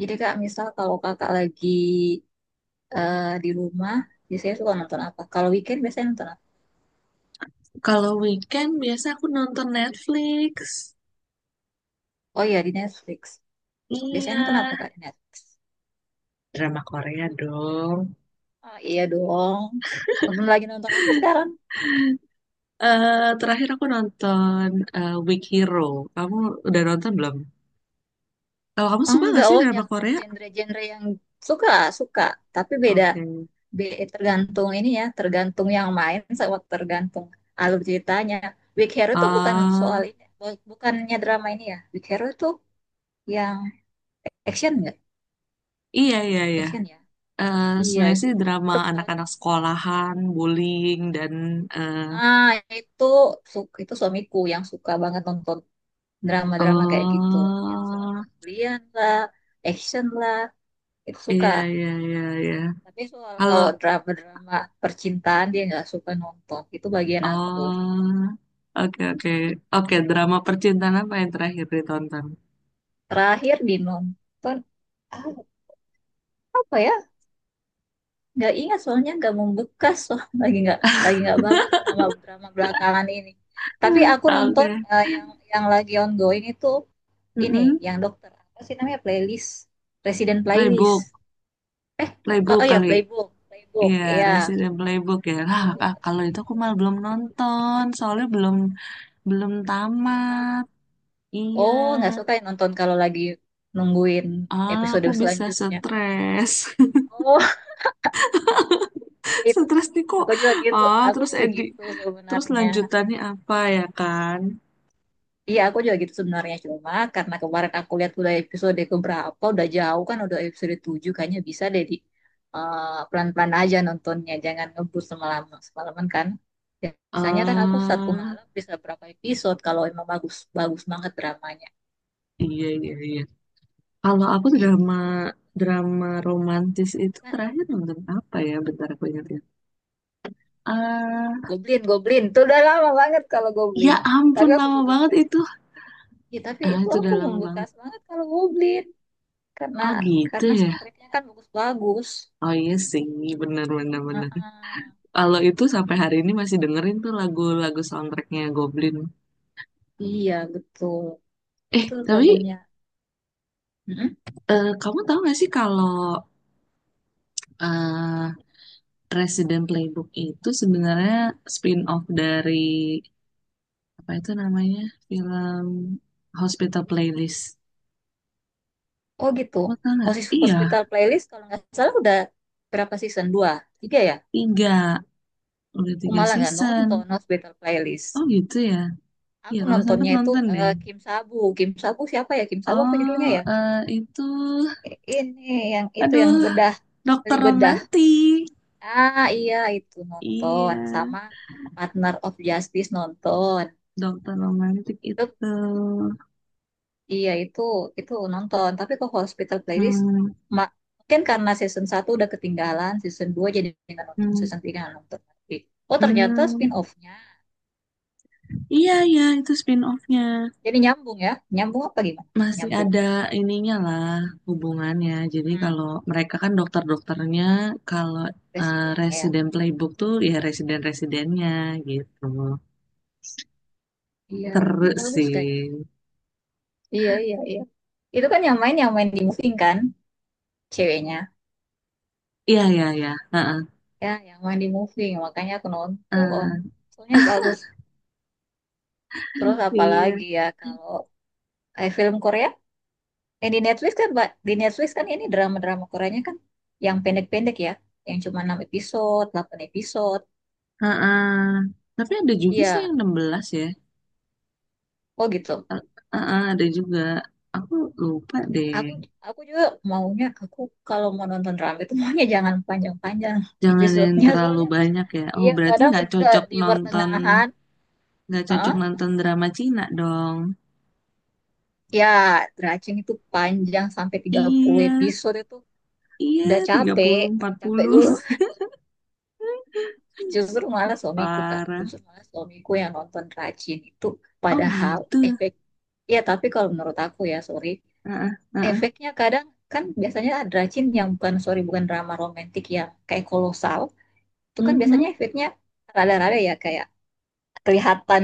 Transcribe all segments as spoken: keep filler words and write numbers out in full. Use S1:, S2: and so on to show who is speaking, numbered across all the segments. S1: Jadi kak, misal kalau kakak lagi eh, di rumah, biasanya suka nonton apa? Kalau weekend biasanya nonton apa?
S2: Kalau weekend biasa aku nonton Netflix.
S1: Oh iya, di Netflix. Biasanya
S2: Iya,
S1: nonton apa kak di Netflix?
S2: drama Korea dong.
S1: Ah iya dong. Nonton lagi nonton apa sekarang?
S2: Eh Terakhir aku nonton eh, Weak Hero. Kamu udah nonton belum? Kalau kamu suka gak
S1: Enggak,
S2: sih
S1: oh
S2: drama
S1: yang
S2: Korea?
S1: genre-genre yang suka, suka. Tapi beda,
S2: Oke.
S1: be- tergantung ini ya, tergantung yang main sama tergantung alur ceritanya. Big Hero itu bukan soal
S2: Ah,
S1: ini, bu- bukannya drama ini ya. Big Hero itu yang action nggak?
S2: iya iya iya.
S1: Action ya?
S2: Eh
S1: Iya,
S2: sebenarnya
S1: itu
S2: sih drama
S1: itu paling.
S2: anak-anak sekolahan, bullying dan eh
S1: Ah, itu su- itu suamiku yang suka banget nonton drama-drama kayak gitu, yang soal
S2: eh,
S1: pembelian lah, action lah, itu suka.
S2: iya iya iya iya.
S1: Tapi soal
S2: Halo.
S1: kalau drama-drama percintaan dia nggak suka nonton, itu bagian aku.
S2: Oh, oke oke. Oke, drama percintaan apa yang terakhir ditonton?
S1: Terakhir di nonton apa ya? Nggak ingat soalnya nggak membekas soal lagi nggak lagi nggak bagus drama-drama belakangan ini. Tapi aku
S2: Oke.
S1: nonton eh, yang yang lagi ongoing itu ini,
S2: Mm-mm.
S1: yang dokter apa sih namanya playlist, Resident Playlist.
S2: Playbook,
S1: Oh,
S2: Playbook
S1: oh ya
S2: kali.
S1: playbook, playbook,
S2: Iya,
S1: iya.
S2: Resident Playbook ya. Lah, ah,
S1: Tuh,
S2: kalau
S1: iya
S2: itu aku
S1: itu
S2: malah
S1: tuh.
S2: belum nonton, soalnya belum belum
S1: Belum tamat.
S2: tamat. Iya.
S1: Oh, nggak suka ya nonton kalau lagi nungguin
S2: Ah,
S1: episode
S2: aku bisa
S1: selanjutnya.
S2: stres.
S1: Oh, itu.
S2: Stres nih kok.
S1: Aku juga gitu,
S2: Ah,
S1: aku
S2: terus
S1: juga
S2: Edi,
S1: gitu
S2: terus
S1: sebenarnya.
S2: lanjutannya apa ya kan?
S1: Iya, aku juga gitu sebenarnya. Cuma karena kemarin aku lihat udah episode keberapa, udah jauh kan, udah episode tujuh, kayaknya bisa deh di eh, pelan-pelan aja nontonnya, jangan ngebut semalaman, semalaman kan. Biasanya kan aku satu
S2: Ah,
S1: malam bisa berapa episode kalau emang bagus, bagus banget dramanya.
S2: iya iya iya. Kalau aku
S1: I-
S2: drama drama romantis itu terakhir nonton apa ya? Bentar aku ingat ya. Eh,
S1: Goblin, Goblin. Itu udah lama banget kalau
S2: ya
S1: Goblin.
S2: ampun
S1: Tapi aku
S2: lama
S1: suka.
S2: banget itu.
S1: Ya, tapi
S2: Ah,
S1: itu
S2: itu
S1: aku
S2: udah lama banget.
S1: membekas banget kalau Goblin. Karena
S2: Oh gitu
S1: karena
S2: ya.
S1: soundtracknya kan bagus-bagus.
S2: Oh iya sih, bener bener bener.
S1: Heeh.
S2: Kalau itu sampai hari ini masih dengerin tuh lagu-lagu soundtracknya Goblin.
S1: Iya, betul.
S2: Eh
S1: Itu
S2: tapi
S1: lagunya. Mm-mm.
S2: eh, kamu tahu gak sih kalau eh Resident Playbook itu sebenarnya spin-off dari apa itu namanya film Hospital Playlist.
S1: Oh gitu.
S2: Kota nggak?
S1: Hosis-
S2: Iya,
S1: Hospital Playlist kalau nggak salah udah berapa season? Dua? Tiga ya?
S2: tiga. Udah
S1: Aku
S2: tiga
S1: malah nggak
S2: season.
S1: nonton Hospital Playlist.
S2: Oh gitu ya. Iya,
S1: Aku
S2: kalau sempet
S1: nontonnya itu
S2: nonton deh.
S1: eh, Kim Sabu. Kim Sabu siapa ya? Kim Sabu apa judulnya
S2: Oh,
S1: ya?
S2: eh, itu...
S1: Eh, Ini yang itu yang
S2: Aduh,
S1: bedah, beli
S2: Dokter
S1: bedah.
S2: Romantik.
S1: Ah iya itu
S2: Iya,
S1: nonton sama Partner of Justice nonton.
S2: Dokter Romantik
S1: Itu,
S2: itu.
S1: iya itu itu nonton. Tapi kok Hospital Playlist
S2: Hmm,
S1: ma- mungkin karena season satu udah ketinggalan, season dua jadi nggak nonton,
S2: hmm,
S1: season tiga nggak nonton lagi. Oh ternyata
S2: hmm.
S1: spin-off-nya.
S2: Iya, iya, itu spin-off-nya.
S1: Jadi nyambung ya. Nyambung apa gimana?
S2: Masih
S1: Nyambung.
S2: ada ininya lah, hubungannya. Jadi
S1: Hmm,
S2: kalau mereka kan dokter-dokternya, kalau eh,
S1: Presiden ya.
S2: Resident Playbook tuh ya residen-residennya gitu.
S1: Iya, tapi
S2: Seru
S1: bagus
S2: sih.
S1: kayaknya. Iya, iya, iya. Itu kan yang main yang main di moving kan ceweknya.
S2: Iya, iya, iya. Heeh.
S1: Ya, yang main di moving. Makanya aku nonton.
S2: Eh,
S1: Soalnya bagus. Terus
S2: iya.
S1: apalagi ya kalau eh, film Korea, eh di Netflix kan, Mbak, di Netflix kan ini drama-drama Koreanya kan yang pendek-pendek ya, yang cuma enam episode, delapan episode.
S2: Heeh. Tapi ada juga sih
S1: Iya,
S2: yang enam belas ya.
S1: oh gitu.
S2: Eh, heeh, ada juga. Aku lupa deh.
S1: Aku aku juga maunya aku kalau mau nonton drama itu maunya jangan panjang-panjang
S2: Jangan yang
S1: episodenya
S2: terlalu
S1: soalnya
S2: banyak ya. Oh,
S1: iya
S2: berarti
S1: kadang
S2: nggak
S1: udah
S2: cocok
S1: di
S2: nonton,
S1: pertengahan,
S2: nggak cocok
S1: heeh,
S2: nonton drama Cina dong.
S1: ya Dracing itu panjang sampai tiga puluh
S2: Iya,
S1: episode itu
S2: iya,
S1: udah
S2: tiga
S1: capek,
S2: puluh empat
S1: capek
S2: puluh
S1: dulu. Justru malah suamiku Kak,
S2: Parah.
S1: justru malah suamiku yang nonton rajin itu
S2: Oh,
S1: padahal
S2: gitu.
S1: efek ya tapi kalau menurut aku ya sorry,
S2: Heeh, heeh.
S1: efeknya kadang kan biasanya ada rajin yang bukan sorry bukan drama romantik yang kayak kolosal, itu kan biasanya
S2: Mhm.
S1: efeknya rada-rada ya kayak kelihatan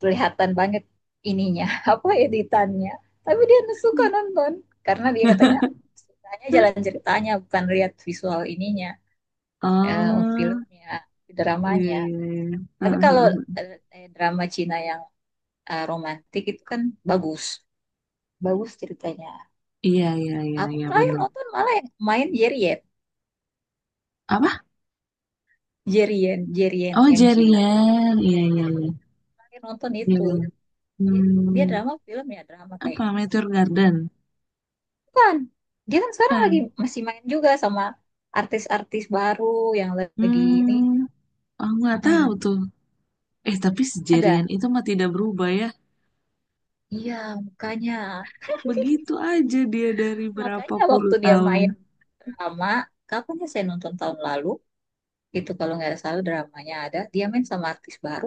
S1: kelihatan banget ininya apa editannya. Tapi dia suka nonton karena dia katanya sukanya jalan ceritanya bukan lihat visual ininya eh,
S2: Oh,
S1: filmnya,
S2: iya,
S1: dramanya.
S2: iya, iya.
S1: Tapi
S2: Heeh,
S1: kalau
S2: heeh.
S1: eh, drama Cina yang eh, romantis itu kan bagus, bagus ceritanya.
S2: Iya, iya, iya,
S1: Aku
S2: iya,
S1: terakhir
S2: benar.
S1: nonton malah yang main Jerien,
S2: Apa?
S1: Jerien, Jerien
S2: Oh,
S1: yang Cina.
S2: Jerian. Iya, iya, iya.
S1: Terakhir nonton
S2: Iya,
S1: itu,
S2: iya.
S1: dia, dia
S2: Hmm,
S1: drama film ya drama
S2: apa?
S1: kayaknya.
S2: Meteor Garden?
S1: Bukan, dia kan sekarang lagi
S2: Kan?
S1: masih main juga sama artis-artis baru yang lagi ini.
S2: Hmm, aku nggak tahu
S1: Mm-mm.
S2: tuh. Eh, tapi si
S1: Ada,
S2: Jerian itu mah tidak berubah ya.
S1: iya makanya,
S2: Begitu aja dia dari berapa
S1: makanya waktu
S2: puluh
S1: dia
S2: tahun.
S1: main drama, kapan ya saya nonton tahun lalu? Itu kalau nggak salah dramanya ada dia main sama artis baru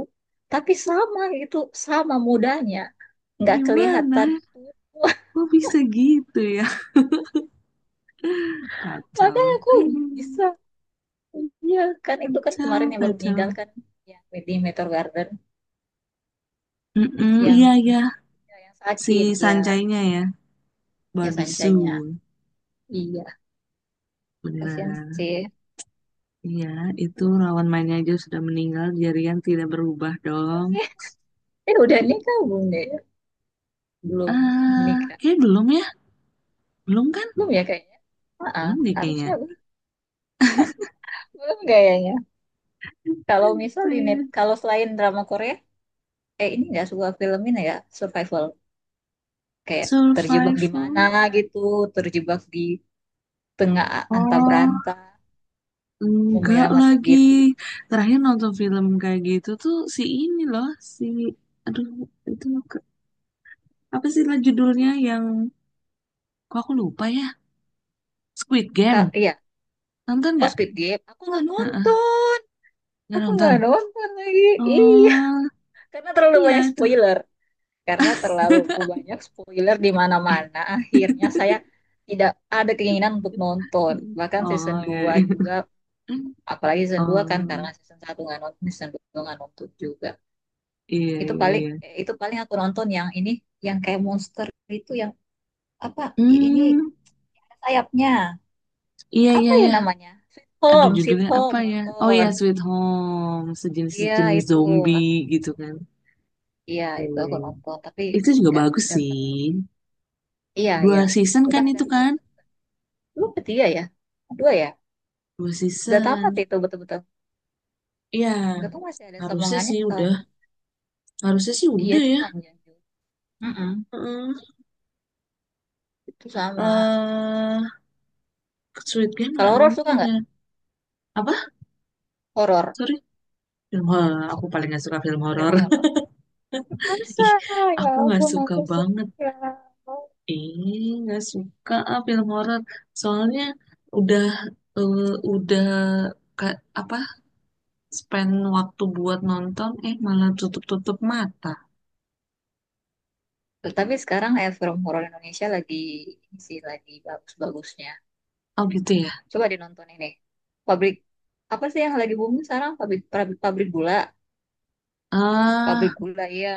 S1: tapi sama itu sama mudanya nggak kelihatan
S2: Gimana?
S1: tua.
S2: Kok bisa gitu ya?
S1: Makanya
S2: Kacau.
S1: aku bisa, iya kan itu kan
S2: Kacau,
S1: kemarin yang baru
S2: kacau.
S1: meninggal kan yang di Meteor Garden
S2: Mm-mm,
S1: yang
S2: iya,
S1: ini
S2: iya.
S1: ya, yang
S2: Si
S1: sakit ya
S2: Sancainya ya.
S1: ya
S2: Barbie
S1: Sunshine-nya
S2: Sue.
S1: iya kasihan
S2: Benar.
S1: sih.
S2: Iya, itu lawan mainnya aja sudah meninggal, jaringan tidak berubah dong.
S1: eh udah nikah belum deh belum
S2: Eh,
S1: nikah
S2: kayak belum ya? Belum kan?
S1: belum ya kayaknya. Ah, ah,
S2: Belum deh
S1: harusnya
S2: kayaknya.
S1: belum belum kayaknya. Kalau misal di net
S2: Eh,
S1: kalau selain drama Korea eh ini ya sebuah film ini ya survival kayak terjebak di
S2: survival?
S1: mana gitu terjebak di tengah antah
S2: Oh,
S1: beranta mau
S2: enggak
S1: menyelamatkan
S2: lagi.
S1: diri.
S2: Terakhir nonton film kayak gitu tuh si ini loh, si aduh itu ke- apa sih lah judulnya yang kok aku lupa ya? Squid
S1: Kak,
S2: Game.
S1: iya
S2: Nonton
S1: oh
S2: nggak?
S1: Squid Game aku nggak
S2: Heeh,
S1: nonton
S2: nggak
S1: aku
S2: nonton.
S1: nggak nonton lagi iya
S2: Oh,
S1: karena terlalu
S2: iya
S1: banyak
S2: itu.
S1: spoiler karena terlalu banyak spoiler di
S2: Eh,
S1: mana-mana akhirnya saya tidak ada keinginan untuk nonton bahkan season
S2: oh iya,
S1: dua
S2: iya.
S1: juga apalagi season dua kan
S2: Oh.
S1: karena season satu nggak nonton season dua nggak nonton juga.
S2: Iya,
S1: Itu
S2: iya,
S1: paling
S2: iya.
S1: itu paling aku nonton yang ini yang kayak monster itu yang apa ini
S2: Hmm,
S1: ada sayapnya.
S2: iya, iya,
S1: Apa ya
S2: iya.
S1: namanya? Sweet
S2: Aduh,
S1: Home, Sweet
S2: judulnya
S1: Home
S2: apa ya? Oh iya,
S1: nonton.
S2: Sweet Home.
S1: Iya
S2: Sejenis-sejenis
S1: itu aku
S2: zombie gitu kan.
S1: iya itu
S2: Iya,
S1: aku
S2: iya.
S1: nonton tapi
S2: Itu juga
S1: nggak
S2: bagus
S1: nggak
S2: sih.
S1: terlalu. Iya
S2: Dua
S1: iya.
S2: season
S1: Itu
S2: kan
S1: kan ada
S2: itu
S1: dua.
S2: kan?
S1: Lu ketiga ya? Dua ya?
S2: Dua
S1: Udah
S2: season.
S1: tamat itu betul-betul.
S2: Iya,
S1: Nggak tahu masih ada
S2: harusnya
S1: sambungannya.
S2: sih
S1: Eh,
S2: udah. Harusnya sih
S1: iya
S2: udah
S1: itu
S2: ya.
S1: panjang juga. Mm-mm,
S2: Heeh.
S1: itu sama.
S2: Eh, Sweet Game
S1: Kalau
S2: nggak
S1: horor suka
S2: nonton
S1: nggak?
S2: ya? Apa?
S1: Horor.
S2: Sorry. Film horor. Aku
S1: Suka
S2: paling nggak suka film
S1: Film
S2: horor.
S1: horor. Masa?
S2: Ih,
S1: Ya
S2: aku nggak
S1: ampun
S2: suka
S1: aku
S2: banget.
S1: suka.
S2: Ih, nggak suka ah film horor. Soalnya udah eh, udah ka- apa spend waktu buat nonton eh malah tutup-tutup mata.
S1: Tapi sekarang eh, film horor Indonesia lagi ini sih lagi bagus-bagusnya.
S2: Oh gitu ya.
S1: Coba dinonton ini. Pabrik apa sih yang lagi booming sekarang? Pabrik pabrik, pabrik gula, pabrik
S2: Ah,
S1: gula ya.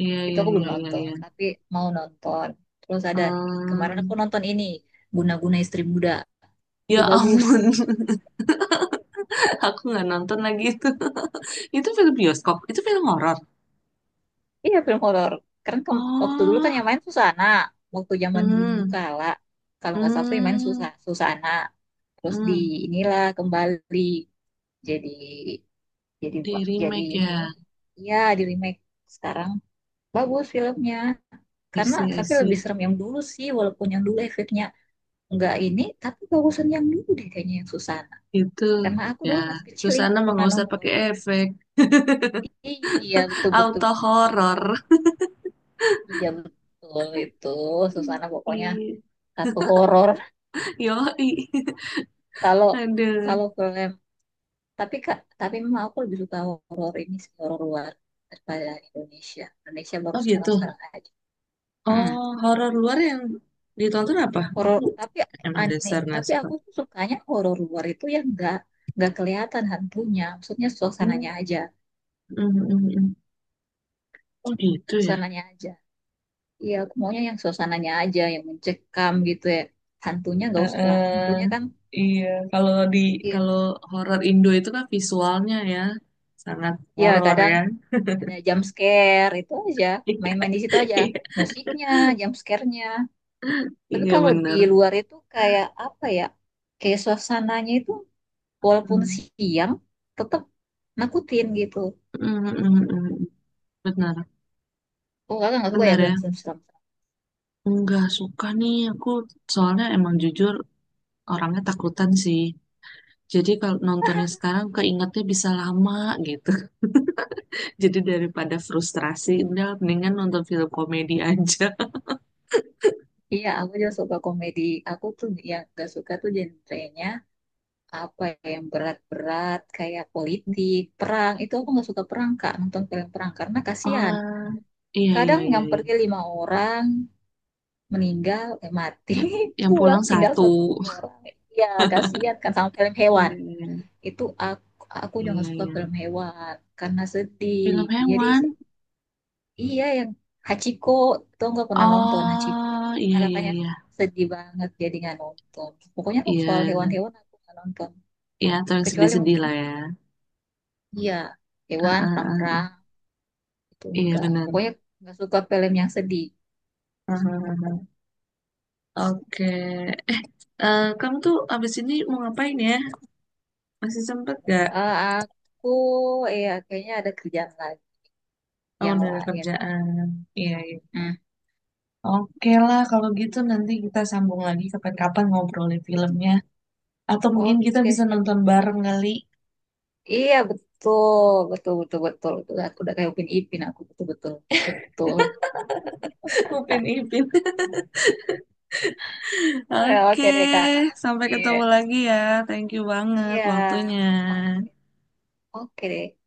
S2: iya
S1: Itu
S2: iya
S1: aku
S2: iya
S1: belum
S2: iya iya.
S1: nonton, tapi mau nonton. Terus
S2: Eh,
S1: ada kemarin aku nonton ini Guna-guna Istri Muda. Itu
S2: ya
S1: bagus.
S2: ampun, aku nggak nonton lagi itu. Itu film bioskop, itu film horor.
S1: Iya film horor. Karena kem- waktu dulu kan
S2: Oh,
S1: yang main Susana. Waktu zaman dulu
S2: hmm,
S1: kala kalau nggak salah tuh yang main
S2: hmm,
S1: Susa- Susana. Terus di
S2: hmm.
S1: inilah kembali jadi jadi
S2: Di
S1: jadi
S2: remake ya.
S1: ini ya di remake sekarang bagus filmnya
S2: I
S1: karena
S2: see, I
S1: tapi lebih
S2: see.
S1: serem yang dulu sih walaupun yang dulu efeknya nggak ini tapi bagusan yang dulu deh kayaknya yang Susana
S2: Itu
S1: karena aku
S2: ya,
S1: dulu masih kecil
S2: Susana
S1: ingat
S2: mah
S1: pernah
S2: nggak usah pakai
S1: nonton
S2: efek.
S1: iya betul betul,
S2: Auto
S1: betul
S2: horor.
S1: banget. Iya betul itu Susana pokoknya satu horor
S2: Yoi.
S1: kalau
S2: Ada.
S1: kalau film tapi kak tapi memang aku lebih suka horor ini sih horor luar daripada Indonesia Indonesia baru
S2: Oh gitu.
S1: sekarang sekarang aja
S2: Oh, horor luar yang ditonton apa?
S1: horor
S2: Aku
S1: tapi
S2: emang
S1: aneh
S2: dasar nggak
S1: tapi
S2: suka.
S1: aku tuh sukanya horor luar itu yang nggak nggak kelihatan hantunya maksudnya suasananya
S2: Hmm,
S1: aja
S2: hmm, hmm, hmm. Oh gitu ya.
S1: suasananya aja iya aku maunya yang suasananya aja yang mencekam gitu ya hantunya nggak
S2: Eh,
S1: usah lah
S2: eh,
S1: hantunya kan
S2: iya, kalau di
S1: iya
S2: kalau horor Indo itu kan visualnya ya sangat
S1: iya
S2: horor
S1: kadang
S2: ya.
S1: ada jump scare itu aja main-main di situ aja
S2: Iya,
S1: musiknya jump scare-nya tapi
S2: iya
S1: kalau di
S2: benar.
S1: luar itu kayak apa ya kayak suasananya itu walaupun
S2: Hmm,
S1: siang tetap nakutin gitu.
S2: hmm, hmm, hmm. Benar,
S1: Oh, kakak nggak suka ya
S2: benar ya.
S1: film-film seram?
S2: Nggak suka nih aku soalnya emang jujur orangnya takutan sih. Jadi kalau nontonnya sekarang keingetnya bisa lama gitu. Jadi daripada frustrasi, udah mendingan nonton film komedi aja.
S1: Iya, aku juga suka komedi. Aku tuh yang gak suka tuh genrenya apa ya, yang berat-berat kayak politik, perang. Itu aku gak suka perang, Kak, nonton film perang karena kasihan.
S2: Oh, iya iya
S1: Kadang
S2: iya
S1: yang
S2: iya.
S1: pergi lima orang meninggal, eh, mati,
S2: Yang
S1: pulang
S2: pulang
S1: tinggal
S2: satu.
S1: satu orang. Ya, kasihan kan sama film hewan.
S2: Iya iya iya
S1: Itu aku aku juga
S2: iya,
S1: gak suka
S2: iya.
S1: film hewan karena
S2: Film
S1: sedih. Jadi
S2: hewan.
S1: iya, yang Hachiko itu nggak pernah nonton Hachiko.
S2: Oh, iya
S1: Nah,
S2: iya
S1: katanya
S2: iya.
S1: sedih banget dia nggak nonton. Pokoknya tuh soal
S2: Iya,
S1: hewan-hewan aku nggak nonton.
S2: iya atau yang
S1: Kecuali
S2: sedih-sedih
S1: mungkin
S2: lah ya.
S1: iya
S2: Ah,
S1: hewan
S2: ah, ah.
S1: perang-perang itu
S2: Iya
S1: enggak.
S2: benar.
S1: Pokoknya nggak suka film yang sedih.
S2: Ah, ah, ah. Oke. Eh, eh, kamu tuh abis ini mau ngapain ya? Masih sempet gak?
S1: Eh, aku ya kayaknya ada kerjaan lagi
S2: Oh,
S1: yang
S2: udah ada
S1: lain.
S2: kerjaan. Iya, iya.
S1: Hmm.
S2: Oke lah, kalau gitu nanti kita sambung lagi kapan-kapan ngobrolin filmnya. Atau mungkin kita
S1: Oke
S2: bisa
S1: siap
S2: nonton
S1: siap
S2: bareng
S1: Kak.
S2: kali.
S1: Iya betul betul betul betul. Betul. Aku udah kayak Upin Ipin aku betul betul betul.
S2: Upin Ipin.
S1: Eh,
S2: Oke,
S1: oke deh Kak.
S2: sampai
S1: Iya.
S2: ketemu lagi ya. Thank you banget
S1: Iya.
S2: waktunya.
S1: Oke. Oke,